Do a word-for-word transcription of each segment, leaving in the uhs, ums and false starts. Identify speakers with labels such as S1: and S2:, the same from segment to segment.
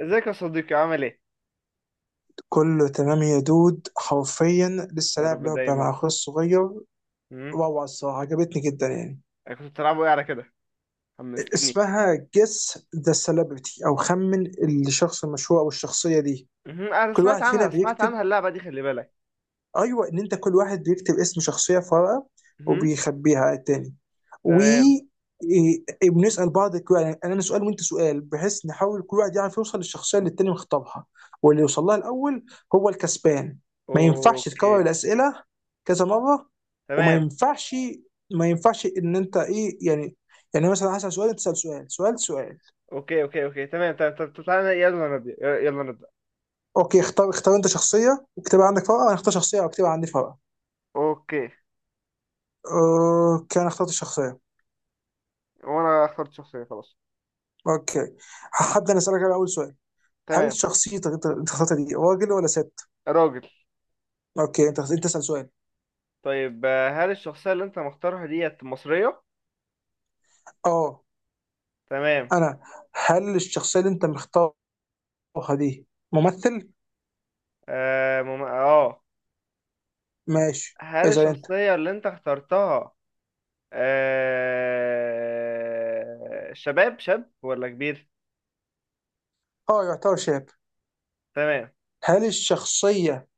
S1: ازيك يا صديقي؟ عامل ايه؟
S2: كله تمام يا دود، حرفيا لسه
S1: يا
S2: لاعب
S1: رب
S2: لعبة مع
S1: دايما.
S2: أخوي الصغير.
S1: امم
S2: روعة الصراحة، عجبتني جدا يعني.
S1: انا كنت بتلعبوا ايه على كده؟ حمستني.
S2: اسمها Guess the Celebrity أو خمن الشخص المشهور أو الشخصية دي.
S1: امم انا
S2: كل
S1: سمعت
S2: واحد فينا
S1: عنها، سمعت
S2: بيكتب،
S1: عنها اللعبه دي، خلي بالك.
S2: ايوه ان انت كل واحد بيكتب اسم شخصيه في ورقه
S1: امم
S2: وبيخبيها على التاني، و
S1: تمام.
S2: إيه- إيه، بنسال بعض كو- يعني انا سؤال وانت سؤال، بحيث نحاول كل واحد يعرف يوصل للشخصيه اللي التاني مخطبها، واللي يوصل لها الاول هو الكسبان. ما ينفعش
S1: اوكي
S2: تكرر الاسئله كذا مره، وما
S1: تمام
S2: ينفعش ما ينفعش ان انت ايه يعني، يعني مثلا هسال سؤال تسال سؤال سؤال سؤال.
S1: اوكي اوكي اوكي تمام تمام طب طب تعالى، يلا نبدا، يلا نبدا.
S2: اوكي، اختار اختار انت شخصيه واكتبها عندك في ورقه، انا اختار شخصيه واكتبها عندي في ورقه.
S1: اوكي،
S2: اوكي، انا اخترت الشخصيه.
S1: وانا اخترت شخصيه، خلاص.
S2: اوكي، هبدا انا اسالك على اول سؤال. هل
S1: تمام.
S2: شخصيتك انت انت اخترتها دي راجل ولا ست؟
S1: راجل.
S2: اوكي، انت انت اسال سؤال.
S1: طيب آه، هل الشخصيه اللي انت مختارها ديت مصريه؟
S2: اه،
S1: تمام.
S2: انا. هل الشخصيه اللي انت مختارها دي ممثل؟
S1: اه مم... اه.
S2: ماشي.
S1: هل
S2: اسال انت.
S1: الشخصيه اللي انت اخترتها آه... شباب، شاب ولا كبير؟
S2: اه يعتبر شاب.
S1: تمام.
S2: هل الشخصيه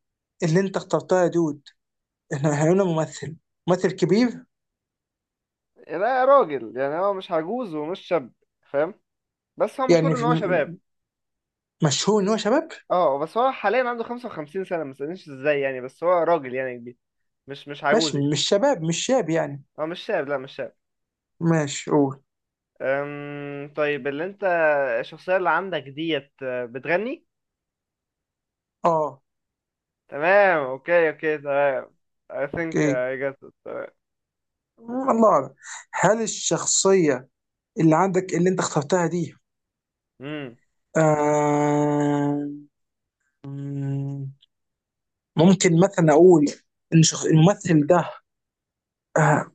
S2: اللي انت اخترتها يا دود انه هيكون ممثل، ممثل كبير؟
S1: لا راجل، يعني هو مش عجوز ومش شاب، فاهم؟ بس هو مشهور
S2: يعني
S1: ان
S2: في
S1: هو شباب.
S2: مشهور ان هو شباب؟
S1: اه بس هو حاليا عنده خمسة وخمسين سنة، ما تسألنيش ازاي، يعني بس هو راجل يعني كبير، مش مش عجوز يعني.
S2: ماشي، مش شباب مش شاب يعني.
S1: هو مش شاب، لا مش شاب.
S2: ماشي قول.
S1: أم... طيب اللي انت الشخصية اللي عندك ديت آه، بتغني؟
S2: اه.
S1: تمام. اوكي اوكي تمام. I think
S2: اوكي.
S1: I got it. تمام.
S2: الله اعلم. هل الشخصيه اللي عندك اللي انت اخترتها دي، آه ممكن مثلا اقول ان شخ... الممثل ده، آه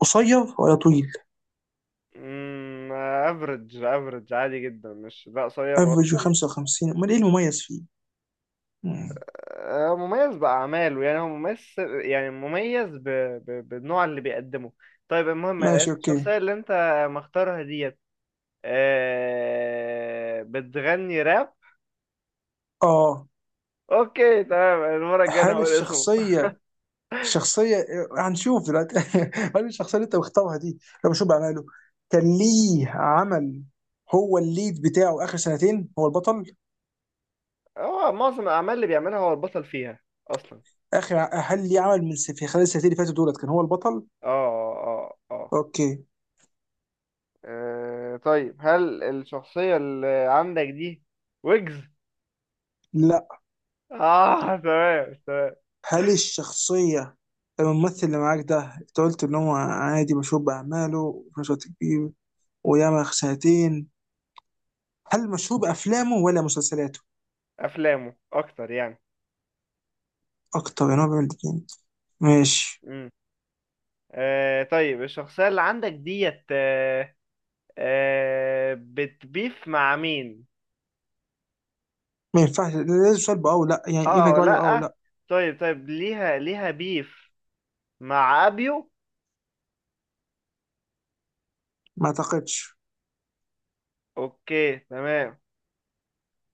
S2: قصير ولا طويل؟
S1: امم افريج، افريج عادي جدا، مش لا قصير ولا
S2: افريج
S1: طويل.
S2: خمسة وخمسين، امال ايه المميز فيه؟ مم.
S1: آه، مميز بأعماله، يعني هو مميز، يعني مميز ب... ب... بالنوع اللي بيقدمه. طيب المهم،
S2: ماشي اوكي.
S1: الشخصية اللي انت مختارها ديت آه، بتغني راب؟
S2: اه.
S1: اوكي تمام، المرة الجاية أنا
S2: هل
S1: هقول اسمه.
S2: الشخصية، الشخصية آه، هنشوف دلوقتي. هل الشخصية اللي انت مختارها دي لو بشوف بعمله، كان ليه عمل، هو الليد بتاعه اخر سنتين هو البطل؟
S1: هو معظم الأعمال اللي بيعملها هو البطل فيها أصلا.
S2: اخر ع- هل ليه عمل من س- في خلال السنتين اللي فاتوا دولت كان هو البطل؟
S1: اه، اه اه
S2: اوكي.
S1: آه، آه، طيب هل الشخصية اللي عندك دي ويجز؟
S2: لا.
S1: اه تمام تمام.
S2: هل الشخصية، الممثل اللي معاك ده، انت قلت ان هو عادي مشهور بأعماله وفي نفس الوقت كبير وياما سنتين، هل مشهور بأفلامه ولا مسلسلاته؟
S1: أفلامه أكتر يعني.
S2: أكتر يعني هو بيعمل الاتنين. ماشي.
S1: آه طيب، الشخصية اللي عندك ديت آه آه بتبيف مع مين؟
S2: ما ينفعش، لازم سؤال بأه ولا لأ، يعني
S1: اه
S2: ينفع
S1: او
S2: تجاوب عليه بأه ولا
S1: لأ.
S2: لأ.
S1: طيب طيب، ليها ليها بيف مع أبيو؟
S2: ما أعتقدش.
S1: اوكي تمام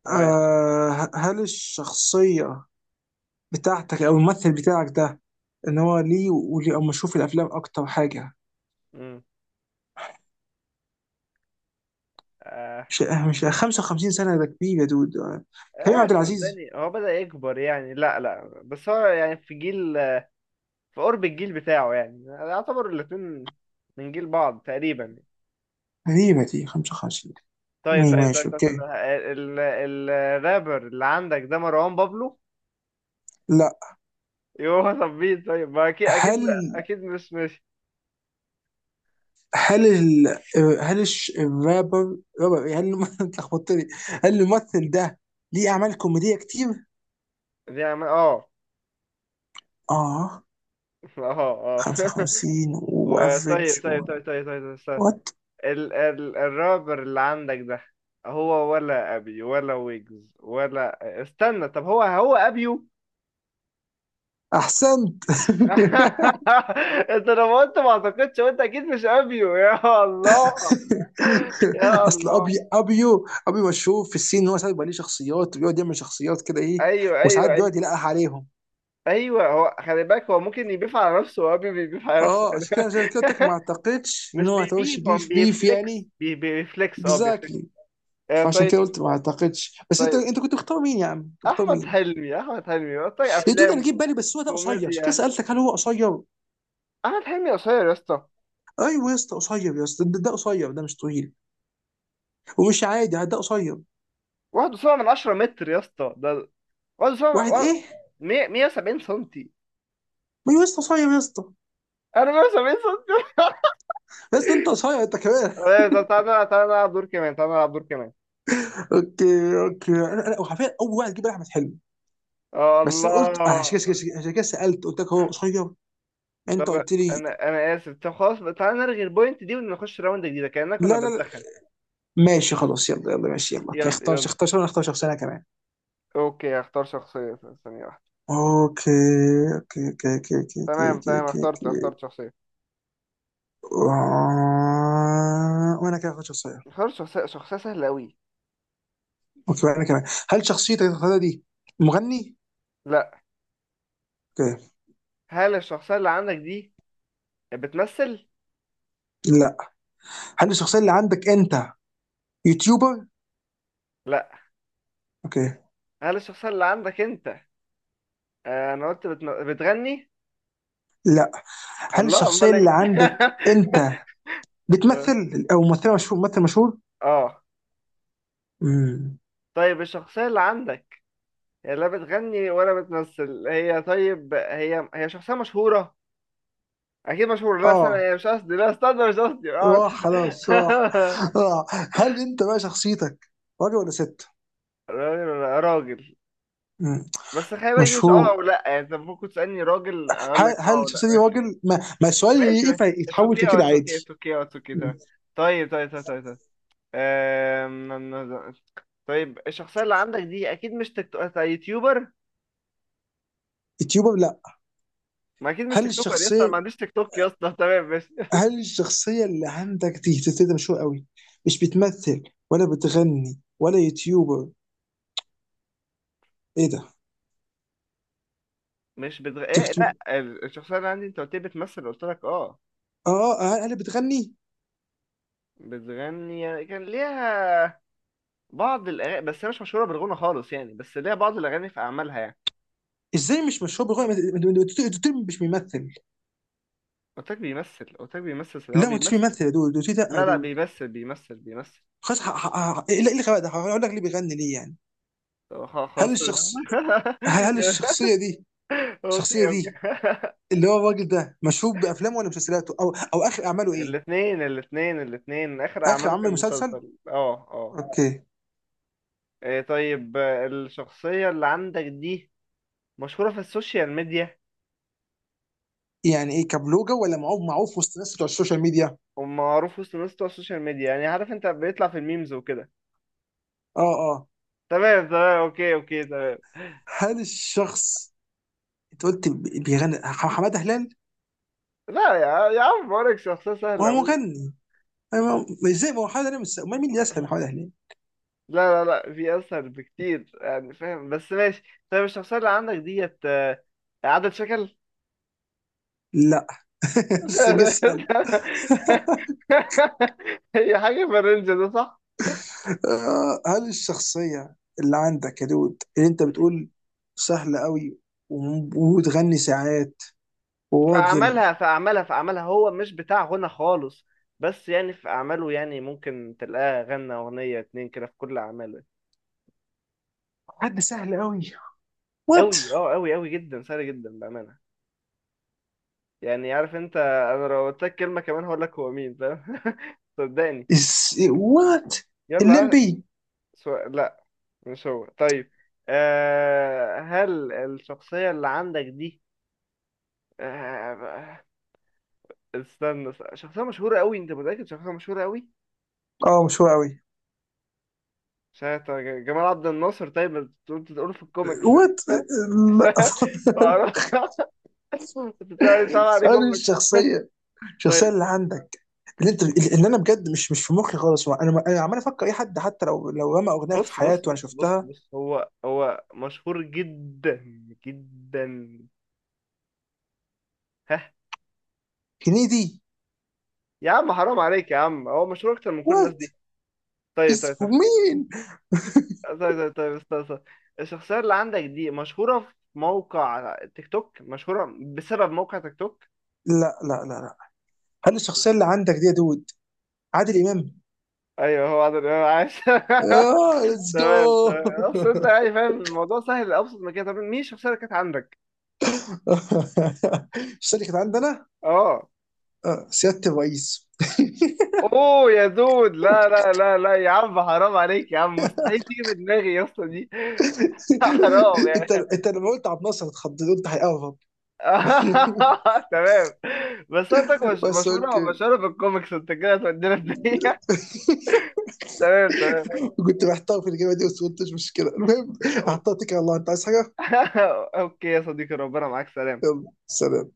S1: تمام.
S2: أه ه- هل الشخصية بتاعتك أو الممثل بتاعك ده، إن هو ليه وليه أو مشهور في الأفلام أكتر حاجة؟
S1: مم. اه.
S2: مش أه، مش خمسة وخمسين سنة ده كبير يا دود، آه، كريم
S1: آه
S2: عبد العزيز.
S1: صدقني، هو بدأ يكبر يعني، لا لا بس هو يعني في جيل، في قرب الجيل بتاعه، يعني يعتبر الاتنين من جيل بعض تقريبا.
S2: غريبة دي خمسة وخمسين.
S1: طيب
S2: اي
S1: طيب
S2: ماشي
S1: طيب, طيب, طيب, طيب, طيب, طيب,
S2: اوكي.
S1: طيب, طيب, طيب الرابر اللي عندك ده مروان بابلو؟
S2: لا.
S1: يوه ثبيت، طيب ما اكيد اكيد
S2: هل
S1: اكيد مش، ماشي.
S2: هل ال... هل الش- الرابر، رابر إيه؟ هل الم- انت لخبطتني. هل الممثل ده ليه اعمال كوميديه كتير؟
S1: دي عم، اه.
S2: اه.
S1: اه اه.
S2: خمسة وخمسين
S1: وطيب
S2: وافريج
S1: طيب
S2: و...
S1: طيب طيب طيب, طيب, طيب.
S2: وات؟
S1: ال ال الرابر اللي عندك ده هو ولا ابي ولا ويجز، ولا استنى، طب هو هو ابيو؟
S2: احسنت.
S1: انت لما قلت ما اعتقدش، قلت اكيد مش ابيو. يا الله، يا
S2: اصل
S1: الله،
S2: ابي ابيو ابيو مشهور في السين ان هو ساعات بيبقى ليه شخصيات، بيقعد يعمل شخصيات كده ايه،
S1: ايوه ايوه
S2: وساعات
S1: ايوه
S2: بيقعد يلقح عليهم.
S1: ايوه هو خلي بالك، هو ممكن يبيف على نفسه، وابيو بيبيف على نفسه.
S2: اه، عشان كده عشان كده قلت لك ما اعتقدش ان
S1: مش
S2: هو هتعوش
S1: بيبيف، هو
S2: بيف بيف
S1: بيفليكس،
S2: يعني.
S1: بي بيفليكس، اه بيفليكس.
S2: اكزاكتلي.
S1: آه
S2: فعشان كده
S1: طيب
S2: قلت ما اعتقدش. بس انت
S1: طيب.
S2: انت كنت مختار مين يا عم؟ كنت مختار
S1: احمد
S2: مين؟
S1: حلمي احمد حلمي طيب
S2: يا دود انا
S1: افلام
S2: جيت بالي، بس هو ده قصير، عشان كده
S1: كوميديا.
S2: سالتك هل هو قصير.
S1: احمد حلمي قصير يا اسطى؟
S2: ايوه يا اسطى قصير يا اسطى، ده ده قصير، ده مش طويل ومش عادي، ده قصير.
S1: واحد فاصلة سبعة من عشرة متر يا اسطى ده،
S2: واحد
S1: واحد فاصلة سبعة،
S2: ايه؟
S1: مية، مية وسبعين سنتي،
S2: ما يا اسطى قصير يا اسطى.
S1: انا مية وسبعين سنتي.
S2: يا اسطى انت قصير انت كمان.
S1: طيب، طب تعالى نلعب- تعالى نلعب دور كمان، تعالى نلعب دور كمان.
S2: اوكي اوكي، انا انا وحرفيا اول واحد جه بالي احمد حلمي،
S1: آه،
S2: بس انا قلت آه،
S1: الله.
S2: عشان كده عشان كده سالت قلت لك هو قصير،
S1: طب
S2: انت قلت لي.
S1: انا انا اسف، طب خلاص بقى، تعالى نلغي البوينت دي ونخش راوند جديده، كاننا كنا
S2: لا لا لا.
S1: بنسخن.
S2: ماشي خلاص، يلا يلا ماشي يلا. اوكي،
S1: يلا
S2: اختار
S1: يلا.
S2: اختار انا اختار شخصيه انا كمان.
S1: اوكي هختار شخصيه، ثانيه واحدة.
S2: اوكي اوكي اوكي اوكي اوكي
S1: تمام
S2: اوكي اوكي
S1: تمام،
S2: اوكي
S1: اخترت،
S2: اوكي.
S1: اخترت شخصية،
S2: آه، وانا كده اخد شخصية.
S1: اخترت شخصية، شخصية سهلة أوي.
S2: اوكي وانا كمان. هل شخصيتك اللي هتختارها دي مغني؟
S1: لا.
S2: اوكي.
S1: هل الشخصية اللي عندك دي بتمثل؟
S2: لا. هل الشخصية اللي عندك انت يوتيوبر؟
S1: لا.
S2: اوكي.
S1: هل الشخصية اللي عندك أنت، آه أنا قلت بتم... بتغني؟
S2: لا. هل
S1: الله
S2: الشخصية
S1: أمال إيه؟
S2: اللي عندك انت بتمثل او ممثلة مشهور، ممثل مشهور؟
S1: آه.
S2: امم.
S1: طيب الشخصية اللي عندك هي لا بتغني ولا بتمثل، هي طيب، هي هي شخصية مشهورة، أكيد مشهورة، لا استنى،
S2: اه.
S1: هي مش قصدي، لا استنى مش قصدي، آه.
S2: راح خلاص راح، راح. هل انت بقى شخصيتك راجل ولا ست؟
S1: راجل ولا راجل.
S2: مم.
S1: بس خلي بالك، دي مش اه
S2: مشهور.
S1: او لا، يعني انت ممكن تسألني راجل، اقول لك
S2: هل
S1: اه
S2: هل
S1: او لا.
S2: الشخصيه دي راجل، ما, ما السؤال
S1: ماشي ماشي.
S2: ينفع
S1: اتس
S2: يتحول
S1: اوكي او
S2: كده
S1: اتس اوكي،
S2: عادي.
S1: اتس اوكي او اتس اوكي تمام. طيب طيب طيب طيب طيب أم... أم- أم- طيب الشخصية اللي عندك دي اكيد مش تيك توك، أنت يوتيوبر؟
S2: يوتيوبر لا.
S1: ما اكيد مش
S2: هل
S1: تيك توكر يا اسطى، أنا ما
S2: الشخصيه
S1: عنديش تيك توك يا اسطى، تمام. مش،
S2: هل الشخصيه اللي عندك دي ده مشهور قوي، مش بتمثل ولا بتغني ولا يوتيوبر، ايه ده؟
S1: مش بتغ... إيه،
S2: تكت...
S1: لا، ال- الشخصية اللي عندي، انت قلت لي بتمثل، قلت لك اه،
S2: اه. آه، هل بتغني؟
S1: بتغني، يعني كان ليها بعض الاغاني، بس هي مش مشهورة بالغنى خالص يعني، بس ليها بعض الاغاني في اعمالها يعني.
S2: ازاي مش مشهور بغنى، مش بيمثل؟
S1: قلت لك بيمثل، قلت لك بيمثل، هو
S2: لا ما انتش
S1: بيمثل.
S2: بيمثل يا دود، دوتي لا يا
S1: لا لا
S2: دود.
S1: بيمثل، بيمثل بيمثل
S2: خلاص ح- ح- ح- ايه اللي، إيه اللي خلاك ده هقول لك ليه بيغني ليه يعني؟
S1: طب خ-
S2: هل
S1: خلاص.
S2: الشخص هل هل الشخصيه دي، الشخصيه
S1: اوكي اوكي.
S2: دي اللي هو الراجل ده، مشهور بافلامه ولا مسلسلاته او او اخر اعماله ايه؟
S1: الاثنين الاثنين الاثنين اخر
S2: اخر
S1: اعماله
S2: عمل
S1: كان
S2: مسلسل.
S1: مسلسل، اه اه.
S2: اوكي.
S1: إيه طيب، آه الشخصية اللي عندك دي مشهورة في السوشيال ميديا؟
S2: يعني ايه كبلوجة ولا معروف معروف وسط الناس بتوع السوشيال ميديا؟
S1: ومعروف وسط الناس بتوع السوشيال ميديا يعني، عارف انت بيطلع في الميمز وكده.
S2: اه اه.
S1: تمام تمام، اوكي اوكي تمام.
S2: هل الشخص انت قلت بي- بيغني، ح- حماده هلال؟
S1: لا يا يا عم بقولك شخصية سهلة
S2: وهو
S1: أموت.
S2: مغني؟ أنا ما- هو- ازاي، ما هو حماده هلال مش أمال مين اللي يسهل، حماده هلال.
S1: لا لا لا، في أسهل بكتير يعني، فاهم؟ بس ماشي. طيب الشخصية اللي عندك ديت آه، عدد شكل.
S2: لا. بس جه اسهل.
S1: هي حاجة في الرينج ده، صح؟
S2: آه، هل الشخصيه اللي عندك يا دود اللي انت بتقول سهله قوي وم- وبتغني ساعات
S1: في
S2: وراجل،
S1: أعمالها في أعمالها في أعمالها هو مش بتاع غنى خالص، بس يعني في أعماله يعني، ممكن تلاقاه غنى أغنية اتنين كده في كل أعماله.
S2: حد سهل قوي؟ وات؟
S1: أوي، أه، أوي أوي جدا، سهل جدا بأمانة. يعني عارف أنت، أنا لو قلت لك كلمة كمان هقول لك هو مين، فاهم؟ صدقني.
S2: إز... وات؟
S1: يلا، ها.
S2: الليمبي؟
S1: سؤال لا، مش هو، طيب. آه هل الشخصية اللي عندك دي آه، استنى، است- شخصية مشهورة قوي، انت متأكد شخصية مشهورة قوي؟
S2: اه مش هو قوي.
S1: شايف جمال عبد الناصر، طيب ما تقول، تقول في الكوميكس.
S2: وات؟ لا.
S1: معرفش. بتاعي طبعا عليه
S2: انا
S1: كوميكس.
S2: الشخصيه، الشخصيه
S1: طيب،
S2: اللي عندك اللي انت اللي انا بجد مش، مش في مخي خالص، انا انا عمال افكر اي حد حتى لو لو رمى اغنيه في
S1: بص بص
S2: حياته وانا
S1: بص بص
S2: شفتها.
S1: بص هو هو مشهور جدا جدا. ها.
S2: هنيدي؟
S1: يا عم حرام عليك يا عم، هو مشهور اكتر من كل الناس
S2: وات؟
S1: دي. طيب
S2: از
S1: طيب طيب
S2: مين؟
S1: طيب طيب, طيب استنى، استنى. الشخصية اللي عندك دي مشهورة في موقع تيك توك، مشهورة بسبب موقع تيك توك؟
S2: لا لا لا لا. هل الشخصيه
S1: طيب.
S2: اللي عندك دي يا دود عادل امام؟
S1: ايوه هو عادل امام، عاش.
S2: اه ليتس جو.
S1: تمام تمام، اصل انت يعني فاهم، الموضوع سهل لابسط من كده، طب مين الشخصيه اللي كانت عندك؟
S2: الشخصيه اللي كانت عندنا،
S1: اه.
S2: آه، سياده الرئيس.
S1: اوه يا دود، لا لا لا لا، يا عم حرام عليك يا عم، مستحيل تيجي في دماغي يا اسطى دي. حرام
S2: انت
S1: يعني.
S2: انت لما قلت عبد الناصر اتخضيت قلت هيقرب.
S1: تمام. بس انت مش
S2: بس
S1: مشهوره،
S2: اوكي،
S1: مشهوره بالكوميكس، انت كده هتودينا في دقيقه. تمام تمام.
S2: كنت محتار في الاجابه دي بس قلت مش مشكله، المهم
S1: أو-.
S2: هحطها. تكر الله، انت عايز حاجه؟
S1: اوكي يا صديقي، ربنا معاك، سلام.
S2: يلا سلام.